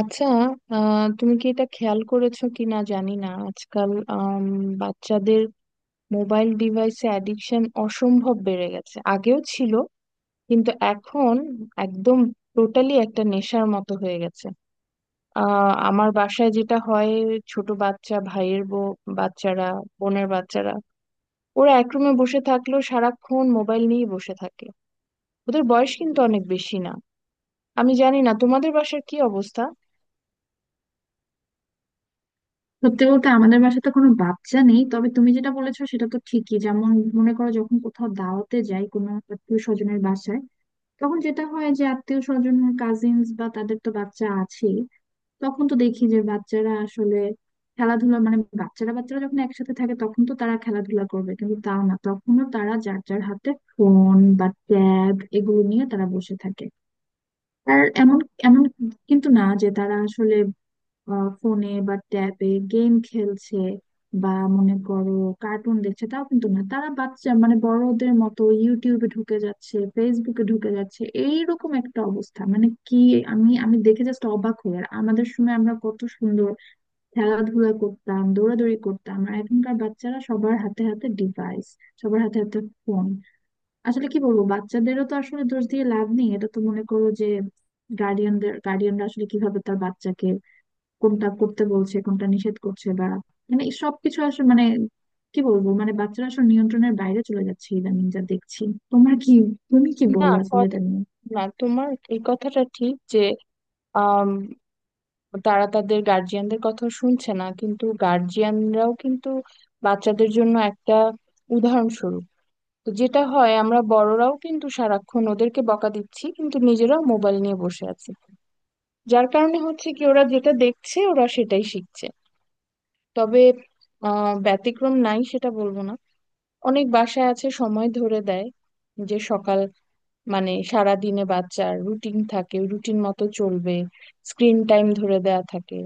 আচ্ছা। তুমি কি এটা খেয়াল করেছো কি না জানি না। আজকাল বাচ্চাদের মোবাইল ডিভাইসে অ্যাডিকশন অসম্ভব বেড়ে গেছে। আগেও ছিল, কিন্তু এখন একদম টোটালি একটা নেশার মতো হয়ে গেছে। আমার বাসায় যেটা হয়, ছোট বাচ্চা, ভাইয়ের বউ, বাচ্চারা, বোনের বাচ্চারা, ওরা এক রুমে বসে থাকলেও সারাক্ষণ মোবাইল নিয়ে বসে থাকে। ওদের বয়স কিন্তু অনেক বেশি না। আমি জানি না তোমাদের বাসার কি অবস্থা। সত্যি বলতে আমাদের বাসায় তো কোনো বাচ্চা নেই, তবে তুমি যেটা বলেছো সেটা তো ঠিকই। যেমন মনে করো, যখন কোথাও দাওয়াতে যাই কোনো আত্মীয় স্বজনের বাসায়, তখন যেটা হয় যে আত্মীয় স্বজন কাজিনস বা তাদের তো বাচ্চা আছে। তখন তো দেখি যে বাচ্চারা আসলে খেলাধুলা মানে বাচ্চারা বাচ্চারা যখন একসাথে থাকে তখন তো তারা খেলাধুলা করবে, কিন্তু তাও না, তখনও তারা যার যার হাতে ফোন বা ট্যাব এগুলো নিয়ে তারা বসে থাকে। আর এমন এমন কিন্তু না যে তারা আসলে ফোনে বা ট্যাবে গেম খেলছে বা মনে করো কার্টুন দেখছে, তাও কিন্তু না। তারা বাচ্চা মানে বড়দের মতো ইউটিউবে ঢুকে যাচ্ছে, ফেসবুকে ঢুকে যাচ্ছে, এইরকম একটা অবস্থা মানে কি! আমি আমি দেখে জাস্ট অবাক হই। আর আমাদের সময় আমরা কত সুন্দর খেলাধুলা করতাম, দৌড়াদৌড়ি করতাম, আর এখনকার বাচ্চারা সবার হাতে হাতে ডিভাইস, সবার হাতে হাতে ফোন। আসলে কি বলবো, বাচ্চাদেরও তো আসলে দোষ দিয়ে লাভ নেই, এটা তো মনে করো যে গার্ডিয়ানরা আসলে কিভাবে তার বাচ্চাকে কোনটা করতে বলছে, কোনটা নিষেধ করছে বা মানে এই সবকিছু আসলে মানে কি বলবো, মানে বাচ্চারা আসলে নিয়ন্ত্রণের বাইরে চলে যাচ্ছে ইদানিং যা দেখছি। তোমার কি, তুমি কি না, বলো আসলে এটা নিয়ে? না, তোমার এই কথাটা ঠিক যে আম, তারা তাদের গার্জিয়ানদের কথা শুনছে না, কিন্তু গার্জিয়ানরাও কিন্তু বাচ্চাদের জন্য একটা উদাহরণস্বরূপ। তো যেটা হয়, আমরা বড়রাও কিন্তু সারাক্ষণ ওদেরকে বকা দিচ্ছি কিন্তু নিজেরাও মোবাইল নিয়ে বসে আছি। যার কারণে হচ্ছে কি, ওরা যেটা দেখছে ওরা সেটাই শিখছে। তবে ব্যতিক্রম নাই সেটা বলবো না। অনেক বাসায় আছে সময় ধরে দেয়, যে সকাল, মানে সারা দিনে বাচ্চার রুটিন থাকে, রুটিন মতো চলবে, স্ক্রিন টাইম ধরে দেয়া থাকে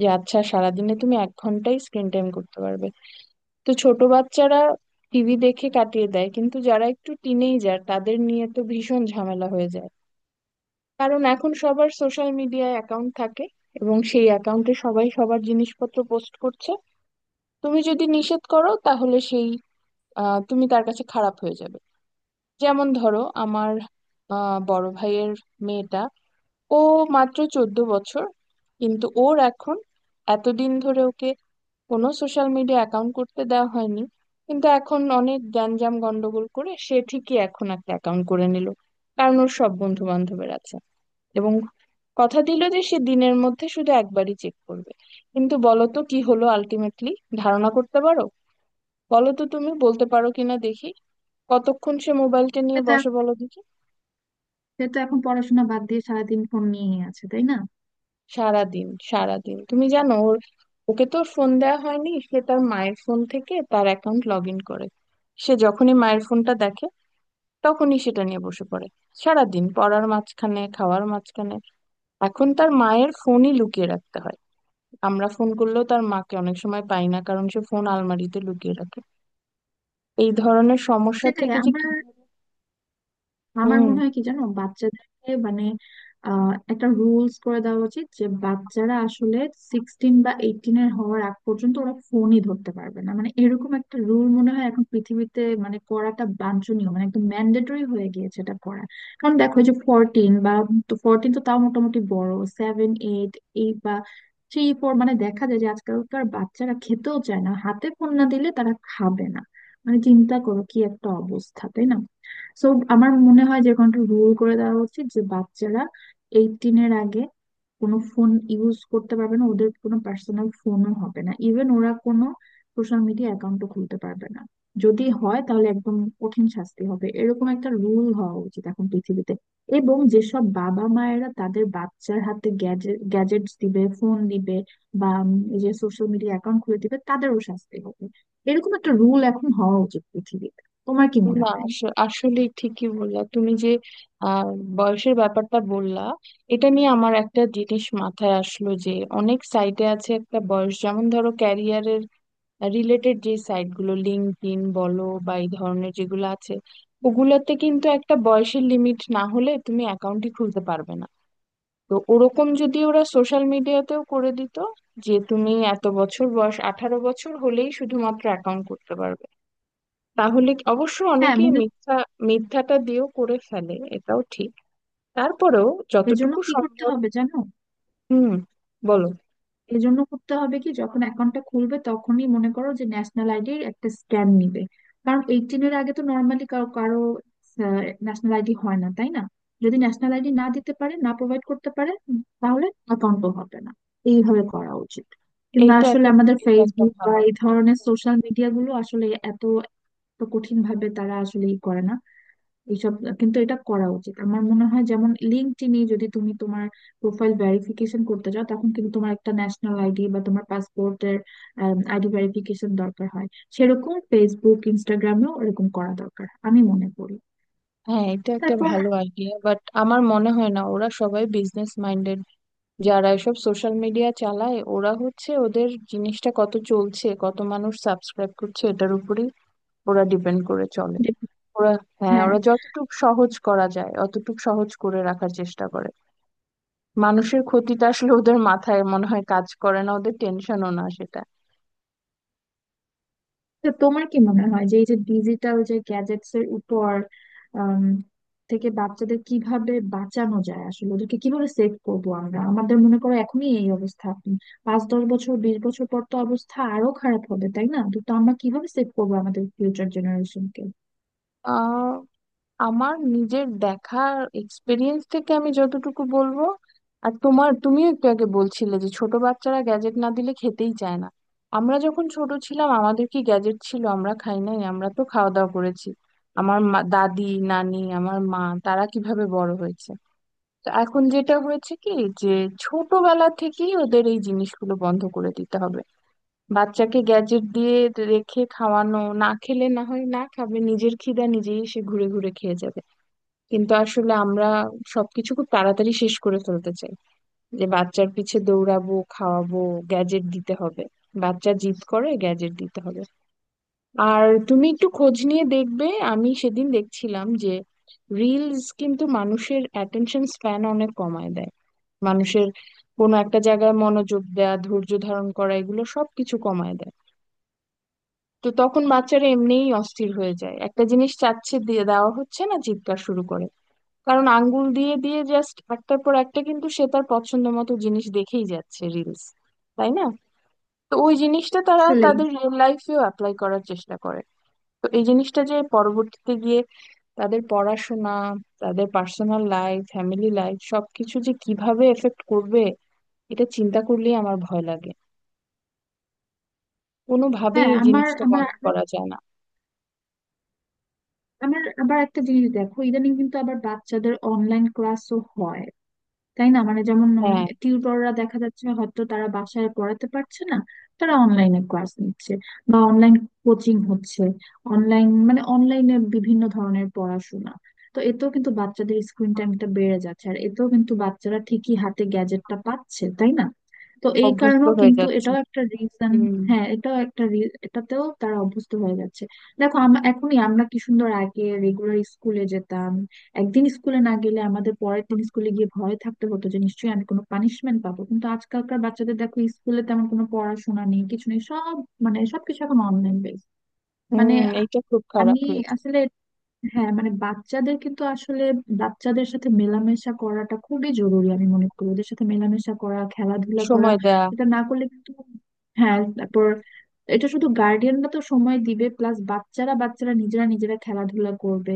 যে আচ্ছা সারাদিনে তুমি 1 ঘন্টাই স্ক্রিন টাইম করতে পারবে। তো ছোট বাচ্চারা টিভি দেখে কাটিয়ে দেয়, কিন্তু যারা একটু টিনেজার তাদের নিয়ে তো ভীষণ ঝামেলা হয়ে যায়। কারণ এখন সবার সোশ্যাল মিডিয়ায় অ্যাকাউন্ট থাকে এবং সেই অ্যাকাউন্টে সবাই সবার জিনিসপত্র পোস্ট করছে। তুমি যদি নিষেধ করো তাহলে সেই, তুমি তার কাছে খারাপ হয়ে যাবে। যেমন ধরো আমার বড় ভাইয়ের মেয়েটা, ও মাত্র 14 বছর, কিন্তু ওর এখন, এতদিন ধরে ওকে কোনো সোশ্যাল মিডিয়া অ্যাকাউন্ট করতে দেওয়া হয়নি, কিন্তু এখন অনেক গ্যাঞ্জাম গন্ডগোল করে সে ঠিকই এখন একটা অ্যাকাউন্ট করে নিল। কারণ ওর সব বন্ধু বান্ধবের আছে, এবং কথা দিল যে সে দিনের মধ্যে শুধু একবারই চেক করবে। কিন্তু বলো তো কি হলো আলটিমেটলি, ধারণা করতে পারো? বলো তো তুমি বলতে পারো কিনা দেখি, কতক্ষণ সে মোবাইলটা নিয়ে সেটা বসে, বলো দেখি। সেটা এখন পড়াশোনা বাদ দিয়ে সারাদিন ফোন নিয়ে আছে, তাই না? সারাদিন, সারাদিন। তুমি জানো, ওর, ওকে তো ফোন দেওয়া হয়নি, সে তার মায়ের ফোন থেকে তার অ্যাকাউন্ট লগ ইন করে। সে যখনই মায়ের ফোনটা দেখে তখনই সেটা নিয়ে বসে পড়ে। সারাদিন, পড়ার মাঝখানে, খাওয়ার মাঝখানে। এখন তার মায়ের ফোনই লুকিয়ে রাখতে হয়। আমরা ফোন করলেও তার মাকে অনেক সময় পাই না, কারণ সে ফোন আলমারিতে লুকিয়ে রাখে। এই ধরনের সমস্যা সেটাই থেকে যে কি! আমার আমার হুম। মনে হয় কি জানো, বাচ্চাদেরকে মানে একটা রুলস করে দেওয়া উচিত যে বাচ্চারা আসলে 16 বা 18 এর হওয়ার আগ পর্যন্ত ওরা ফোনই ধরতে পারবে না, মানে এরকম একটা রুল মনে হয় এখন পৃথিবীতে মানে করাটা বাঞ্ছনীয়, মানে একদম ম্যান্ডেটরি হয়ে গিয়েছে এটা করা। কারণ দেখো, এই যে 14 বা তো 14 তো তাও মোটামুটি বড়, সেভেন এইট, এইট বা থ্রি ফোর মানে দেখা যায় যে আজকালকার বাচ্চারা খেতেও চায় না, হাতে ফোন না দিলে তারা খাবে না। মানে চিন্তা করো কি একটা অবস্থা, তাই না? সো আমার মনে হয় যে এখন একটা রুল করে দেওয়া উচিত যে বাচ্চারা 18 এর আগে কোনো ফোন ইউজ করতে পারবে না, ওদের কোনো পার্সোনাল ফোনও হবে না, ইভেন ওরা কোনো সোশ্যাল মিডিয়া অ্যাকাউন্টও খুলতে পারবে না। যদি হয় তাহলে একদম কঠিন শাস্তি হবে, এরকম একটা রুল হওয়া উচিত এখন পৃথিবীতে। এবং যেসব বাবা মায়েরা তাদের বাচ্চার হাতে গ্যাজেটস দিবে, ফোন দিবে বা এই যে সোশ্যাল মিডিয়া অ্যাকাউন্ট খুলে দিবে তাদেরও শাস্তি হবে, এরকম একটা রুল এখন হওয়া উচিত পৃথিবীতে। তোমার কি মনে না, হয়? আসলে ঠিকই বললা তুমি যে, আহ, বয়সের ব্যাপারটা বললা। এটা নিয়ে আমার একটা জিনিস মাথায় আসলো যে অনেক সাইটে আছে একটা বয়স, যেমন ধরো ক্যারিয়ারের রিলেটেড যে সাইট গুলো, লিঙ্কডইন বলো বা এই ধরনের যেগুলো আছে, ওগুলোতে কিন্তু একটা বয়সের লিমিট না হলে তুমি অ্যাকাউন্টই খুলতে পারবে না। তো ওরকম যদি ওরা সোশ্যাল মিডিয়াতেও করে দিত, যে তুমি এত বছর বয়স, 18 বছর হলেই শুধুমাত্র অ্যাকাউন্ট করতে পারবে, তাহলে অবশ্য হ্যাঁ অনেকেই মনে মিথ্যা, মিথ্যাটা দিয়েও করে ফেলে, এটাও ঠিক। তারপরেও এজন্য যতটুকু কি করতে সম্ভব। হবে জানো, হুম। বলো। এজন্য করতে হবে কি, যখন অ্যাকাউন্টটা খুলবে তখনই মনে করো যে ন্যাশনাল আইডির একটা স্ক্যান নিবে। কারণ 18-এর আগে তো নর্মালি কারো কারো ন্যাশনাল আইডি হয় না, তাই না? যদি ন্যাশনাল আইডি না দিতে পারে, না প্রোভাইড করতে পারে, তাহলে অ্যাকাউন্টও হবে না। এইভাবে করা উচিত। কিন্তু এইটা আসলে একটা, আমাদের এটা একটা ফেসবুক বা ভালো, এই ধরনের সোশ্যাল মিডিয়া গুলো আসলে এত এত কঠিন ভাবে তারা আসলে ই করে না এইসব। কিন্তু এটা করা উচিত আমার মনে হয়। যেমন লিঙ্কডইনে যদি তুমি তোমার প্রোফাইল ভেরিফিকেশন করতে চাও, তখন কিন্তু তোমার একটা ন্যাশনাল আইডি বা তোমার পাসপোর্টের আইডি ভেরিফিকেশন দরকার হয়। সেরকম ফেসবুক ইনস্টাগ্রামেও এরকম করা দরকার আমি মনে করি। হ্যাঁ এটা একটা তারপর ভালো আইডিয়া, বাট আমার মনে হয় না। ওরা সবাই বিজনেস মাইন্ডেড, যারা এসব সোশ্যাল মিডিয়া চালায়। ওরা হচ্ছে, ওদের জিনিসটা কত চলছে, কত মানুষ সাবস্ক্রাইব করছে, এটার উপরেই ওরা ডিপেন্ড করে চলে। যে- ওরা, হ্যাঁ, হ্যাঁ। ওরা যতটুকু সহজ করা যায় অতটুকু সহজ করে রাখার চেষ্টা করে। মানুষের ক্ষতিটা আসলে ওদের মাথায় মনে হয় কাজ করে না, ওদের টেনশনও না সেটা। তো তোমার কি মনে হয় যে এই যে ডিজিটাল যে গ্যাজেটস এর উপর আম, থেকে বাচ্চাদের কিভাবে বাঁচানো যায়, আসলে ওদেরকে কিভাবে সেভ করবো আমরা? আমাদের মনে করো এখনই এই অবস্থা, 5-10 বছর, 20 বছর পর তো অবস্থা আরো খারাপ হবে তাই না, তো তো আমরা কিভাবে সেভ করবো আমাদের ফিউচার জেনারেশনকে? আহ, আমার নিজের দেখা এক্সপিরিয়েন্স থেকে আমি যতটুকু বলবো, আর তোমার, তুমিও একটু আগে বলছিলে যে ছোট বাচ্চারা গ্যাজেট না দিলে খেতেই চায় না। আমরা যখন ছোট ছিলাম আমাদের কি গ্যাজেট ছিল? আমরা খাই নাই? আমরা তো খাওয়া দাওয়া করেছি। আমার মা, দাদি, নানি, আমার মা, তারা কিভাবে বড় হয়েছে? তো এখন যেটা হয়েছে কি, যে ছোটবেলা থেকেই ওদের এই জিনিসগুলো বন্ধ করে দিতে হবে। বাচ্চাকে গ্যাজেট দিয়ে রেখে খাওয়ানো, না খেলে না হয় না খাবে, নিজের খিদা নিজেই সে ঘুরে ঘুরে খেয়ে যাবে। কিন্তু আসলে আমরা সবকিছু খুব তাড়াতাড়ি শেষ করে ফেলতে চাই। যে বাচ্চার পিছে দৌড়াবো, খাওয়াবো, গ্যাজেট দিতে হবে, বাচ্চা জিদ করে গ্যাজেট দিতে হবে। আর তুমি একটু খোঁজ নিয়ে দেখবে, আমি সেদিন দেখছিলাম যে রিলস কিন্তু মানুষের অ্যাটেনশন স্প্যান অনেক কমায় দেয়। মানুষের কোনো একটা জায়গায় মনোযোগ দেয়া, ধৈর্য ধারণ করা, এগুলো সবকিছু কমায় দেয়। তো তখন বাচ্চারা এমনিই অস্থির হয়ে যায়, একটা জিনিস চাচ্ছে দিয়ে দেওয়া হচ্ছে না, চিৎকার শুরু করে। কারণ আঙ্গুল দিয়ে দিয়ে জাস্ট একটার পর একটা, কিন্তু সে তার পছন্দ মতো জিনিস দেখেই যাচ্ছে রিলস, তাই না? তো ওই জিনিসটা তারা আসলে, তাদের রিয়েল লাইফেও অ্যাপ্লাই করার চেষ্টা করে। তো এই জিনিসটা যে পরবর্তীতে গিয়ে তাদের পড়াশোনা, তাদের পার্সোনাল লাইফ, ফ্যামিলি লাইফ, সবকিছু যে কিভাবে এফেক্ট করবে, এটা চিন্তা করলেই আমার ভয় লাগে। কোনোভাবেই হ্যাঁ। এই আমার জিনিসটা আমার বন্ধ আরো- করা যায় না। আমার আবার একটা জিনিস দেখো, ইদানিং কিন্তু আবার বাচ্চাদের অনলাইন ক্লাসও হয় তাই না, মানে যেমন হ্যাঁ, টিউটররা দেখা যাচ্ছে হয়তো তারা বাসায় পড়াতে পারছে না, তারা অনলাইনে ক্লাস নিচ্ছে বা অনলাইন কোচিং হচ্ছে, অনলাইন মানে অনলাইনে বিভিন্ন ধরনের পড়াশোনা। তো এতেও কিন্তু বাচ্চাদের স্ক্রিন টাইমটা বেড়ে যাচ্ছে, আর এতেও কিন্তু বাচ্চারা ঠিকই হাতে গ্যাজেটটা পাচ্ছে তাই না। তো এই অভ্যস্ত কারণেও হয়ে কিন্তু যাচ্ছে। এটাও একটা রিজন। হুম। হ্যাঁ এটাতেও তারা অভ্যস্ত হয়ে যাচ্ছে। দেখো, আমরা কি সুন্দর আগে রেগুলার স্কুলে যেতাম, একদিন স্কুলে না গেলে আমাদের পরের দিন স্কুলে গিয়ে ভয় থাকতে হতো যে নিশ্চয়ই আমি কোনো পানিশমেন্ট পাবো। কিন্তু আজকালকার বাচ্চাদের দেখো, স্কুলে তেমন কোনো পড়াশোনা নেই, কিছু নেই, সব মানে সবকিছু এখন অনলাইন বেস। মানে হুম, আ- এইটা খুব আমি খারাপ হয়েছে। আসলে হ্যাঁ, মানে বাচ্চাদের কিন্তু আসলে বাচ্চাদের সাথে মেলামেশা করাটা খুবই জরুরি আমি মনে করি, ওদের সাথে মেলামেশা করা, খেলাধুলা করা। সময় দেয়া। এটা না করলে কিন্তু হ্যাঁ, তারপর এটা শুধু গার্ডিয়ানরা তো সময় দিবে, প্লাস বাচ্চারা বাচ্চারা নিজেরা নিজেরা খেলাধুলা করবে,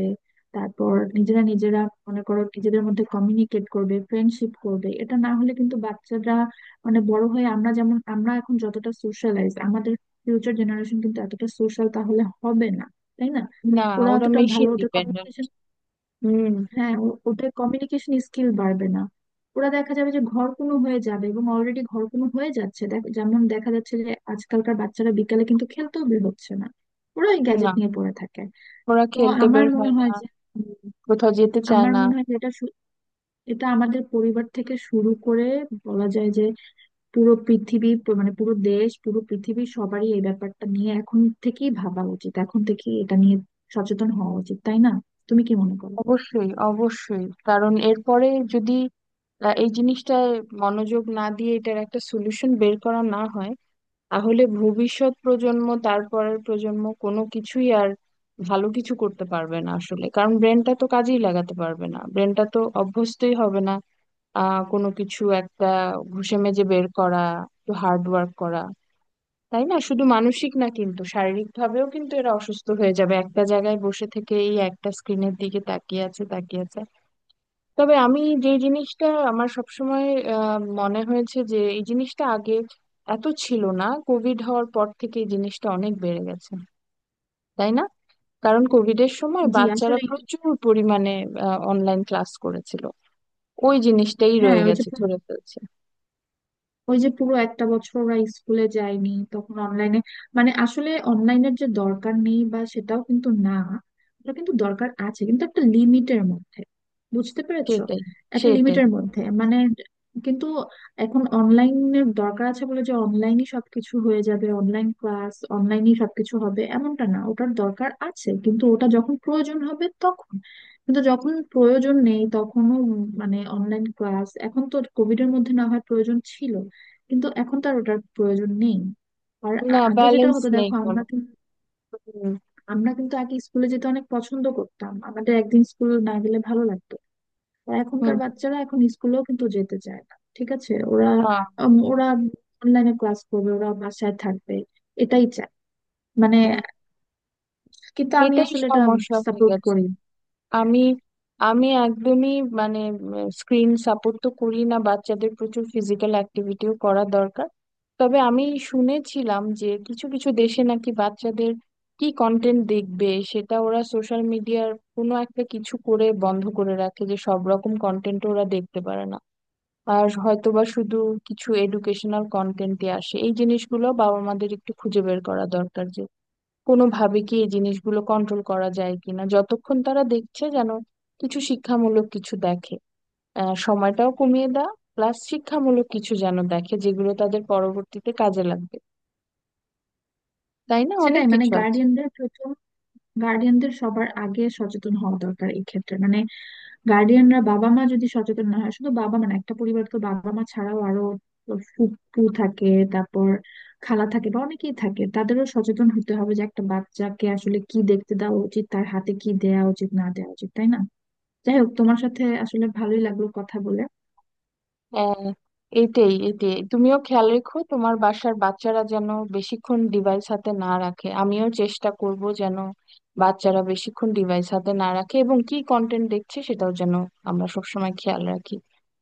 তারপর নিজেরা নিজেরা মনে করো নিজেদের মধ্যে কমিউনিকেট করবে, ফ্রেন্ডশিপ করবে। এটা না হলে কিন্তু বাচ্চারা মানে বড় হয়ে, আমরা এখন যতটা সোশ্যালাইজ, আমাদের ফিউচার জেনারেশন কিন্তু এতটা সোশ্যাল তাহলে হবে না, তাই না? না, ওরা ওরা অতটা ভালো মেশিন ওদের ডিপেন্ডেন্ট। কমিউনিকেশন, হুম। হ্যাঁ ওদের কমিউনিকেশন স্কিল বাড়বে না। ওরা দেখা যাবে যে ঘরকুনো হয়ে যাবে, এবং অলরেডি ঘরকুনো হয়ে যাচ্ছে। যেমন দেখা যাচ্ছে যে আজকালকার বাচ্চারা বিকালে কিন্তু খেলতেও বের হচ্ছে না, ওরা ওই গ্যাজেট না, নিয়ে পড়ে থাকে। ওরা তো খেলতে আমার বের মনে হয় না। হয় যে হুম, কোথাও যেতে চায় আমার না। মনে হয় যে এটা আমাদের পরিবার থেকে শুরু করে বলা যায় যে পুরো পৃথিবী মানে পুরো দেশ, পুরো পৃথিবী সবারই এই ব্যাপারটা নিয়ে এখন থেকেই ভাবা উচিত, এখন থেকেই এটা নিয়ে সচেতন হওয়া উচিত তাই না? তুমি কি মনে করো? অবশ্যই, অবশ্যই, কারণ এরপরে যদি এই জিনিসটায় মনোযোগ না দিয়ে এটার একটা সলিউশন বের করা না হয়, তাহলে ভবিষ্যৎ প্রজন্ম, তারপরের প্রজন্ম কোনো কিছুই আর ভালো কিছু করতে পারবে না আসলে। কারণ ব্রেনটা তো কাজেই লাগাতে পারবে না, ব্রেনটা তো অভ্যস্তই হবে না কোনো কিছু একটা ঘুষে মেজে বের করা, একটু হার্ড ওয়ার্ক করা। তাই না? শুধু মানসিক না কিন্তু শারীরিক ভাবেও কিন্তু এরা অসুস্থ হয়ে যাবে, একটা জায়গায় বসে থেকে এই একটা স্ক্রিনের দিকে তাকিয়ে আছে, তাকিয়ে আছে। তবে আমি যে জিনিসটা, আমার সবসময় মনে হয়েছে যে এই জিনিসটা আগে এত ছিল না, কোভিড হওয়ার পর থেকে এই জিনিসটা অনেক বেড়ে গেছে, তাই না? কারণ কোভিডের সময় জি বাচ্চারা আসলে প্রচুর পরিমাণে অনলাইন ক্লাস করেছিল, ওই জিনিসটাই হ্যাঁ, রয়ে গেছে ধরে ফেলছি। ওই যে পুরো একটা বছর ওরা স্কুলে যায়নি তখন অনলাইনে, মানে আসলে অনলাইনের যে দরকার নেই বা সেটাও কিন্তু না, ওটা কিন্তু দরকার আছে, কিন্তু একটা লিমিটের মধ্যে। বুঝতে পেরেছো, সেটাই, একটা সেটাই, লিমিটের মধ্যে মানে। কিন্তু এখন অনলাইনের দরকার আছে বলে যে অনলাইনই সবকিছু হয়ে যাবে, অনলাইন ক্লাস অনলাইনই সবকিছু হবে, এমনটা না। ওটার দরকার আছে কিন্তু ওটা যখন প্রয়োজন হবে তখন, কিন্তু যখন প্রয়োজন নেই তখনও মানে অনলাইন ক্লাস, এখন তো কোভিড এর মধ্যে না হয় প্রয়োজন ছিল, কিন্তু এখন তো আর ওটার প্রয়োজন নেই। আর না আগে যেটা ব্যালেন্স হতো নেই দেখো, কোনো। হুম, আমরা কিন্তু আগে স্কুলে যেতে অনেক পছন্দ করতাম, আমাদের একদিন স্কুল না গেলে ভালো লাগতো। আর হুম। এখনকার বাচ্চারা এখন স্কুলেও কিন্তু যেতে চায় না, ঠিক আছে। ওরা না। ওরা অনলাইনে ক্লাস করবে, ওরা বাসায় থাকবে, এটাই চায় মানে। হুম, কিন্তু আমি এটাই আসলে এটা সমস্যা হয়ে সাপোর্ট গেছে। করি না। হ্যাঁ, আমি, আমি একদমই, মানে স্ক্রিন সাপোর্ট তো করি না, বাচ্চাদের প্রচুর ফিজিক্যাল অ্যাক্টিভিটিও করা দরকার। তবে আমি শুনেছিলাম যে কিছু কিছু দেশে নাকি বাচ্চাদের কি কন্টেন্ট দেখবে সেটা ওরা সোশ্যাল মিডিয়ার কোনো একটা কিছু করে বন্ধ করে রাখে, যে সব রকম কন্টেন্ট ওরা দেখতে পারে না, আর হয়তোবা শুধু কিছু এডুকেশনাল কন্টেন্টে আসে। এই জিনিসগুলো বাবা মাদের একটু খুঁজে বের করা দরকার, যে কোনোভাবে কি এই জিনিসগুলো কন্ট্রোল করা যায় কিনা, যতক্ষণ তারা দেখছে যেন কিছু শিক্ষামূলক কিছু দেখে। সময়টাও কমিয়ে দেওয়া প্লাস শিক্ষামূলক কিছু যেন দেখে যেগুলো তাদের পরবর্তীতে কাজে লাগবে, তাই না? অনেক সেটাই মানে কিছু আছে। গার্ডিয়ানদের সবার আগে সচেতন হওয়া দরকার এই ক্ষেত্রে। মানে গার্ডিয়ানরা, বাবা মা যদি সচেতন না হয়, শুধু বাবা মা না, একটা পরিবার তো বাবা মা ছাড়াও আরো ফুপু থাকে, তারপর খালা থাকে বা অনেকেই থাকে, তাদেরও সচেতন হতে হবে যে একটা বাচ্চাকে আসলে কি দেখতে দেওয়া উচিত, তার হাতে কি দেওয়া উচিত, না দেওয়া উচিত, তাই না? যাই হোক, তোমার সাথে আসলে ভালোই লাগলো কথা বলে। হ্যাঁ, এইটাই, এইটাই। তুমিও খেয়াল রেখো তোমার বাসার বাচ্চারা যেন বেশিক্ষণ ডিভাইস হাতে না রাখে, আমিও চেষ্টা করব যেন বাচ্চারা বেশিক্ষণ ডিভাইস হাতে না রাখে এবং কি কন্টেন্ট দেখছে সেটাও যেন আমরা সবসময় খেয়াল রাখি।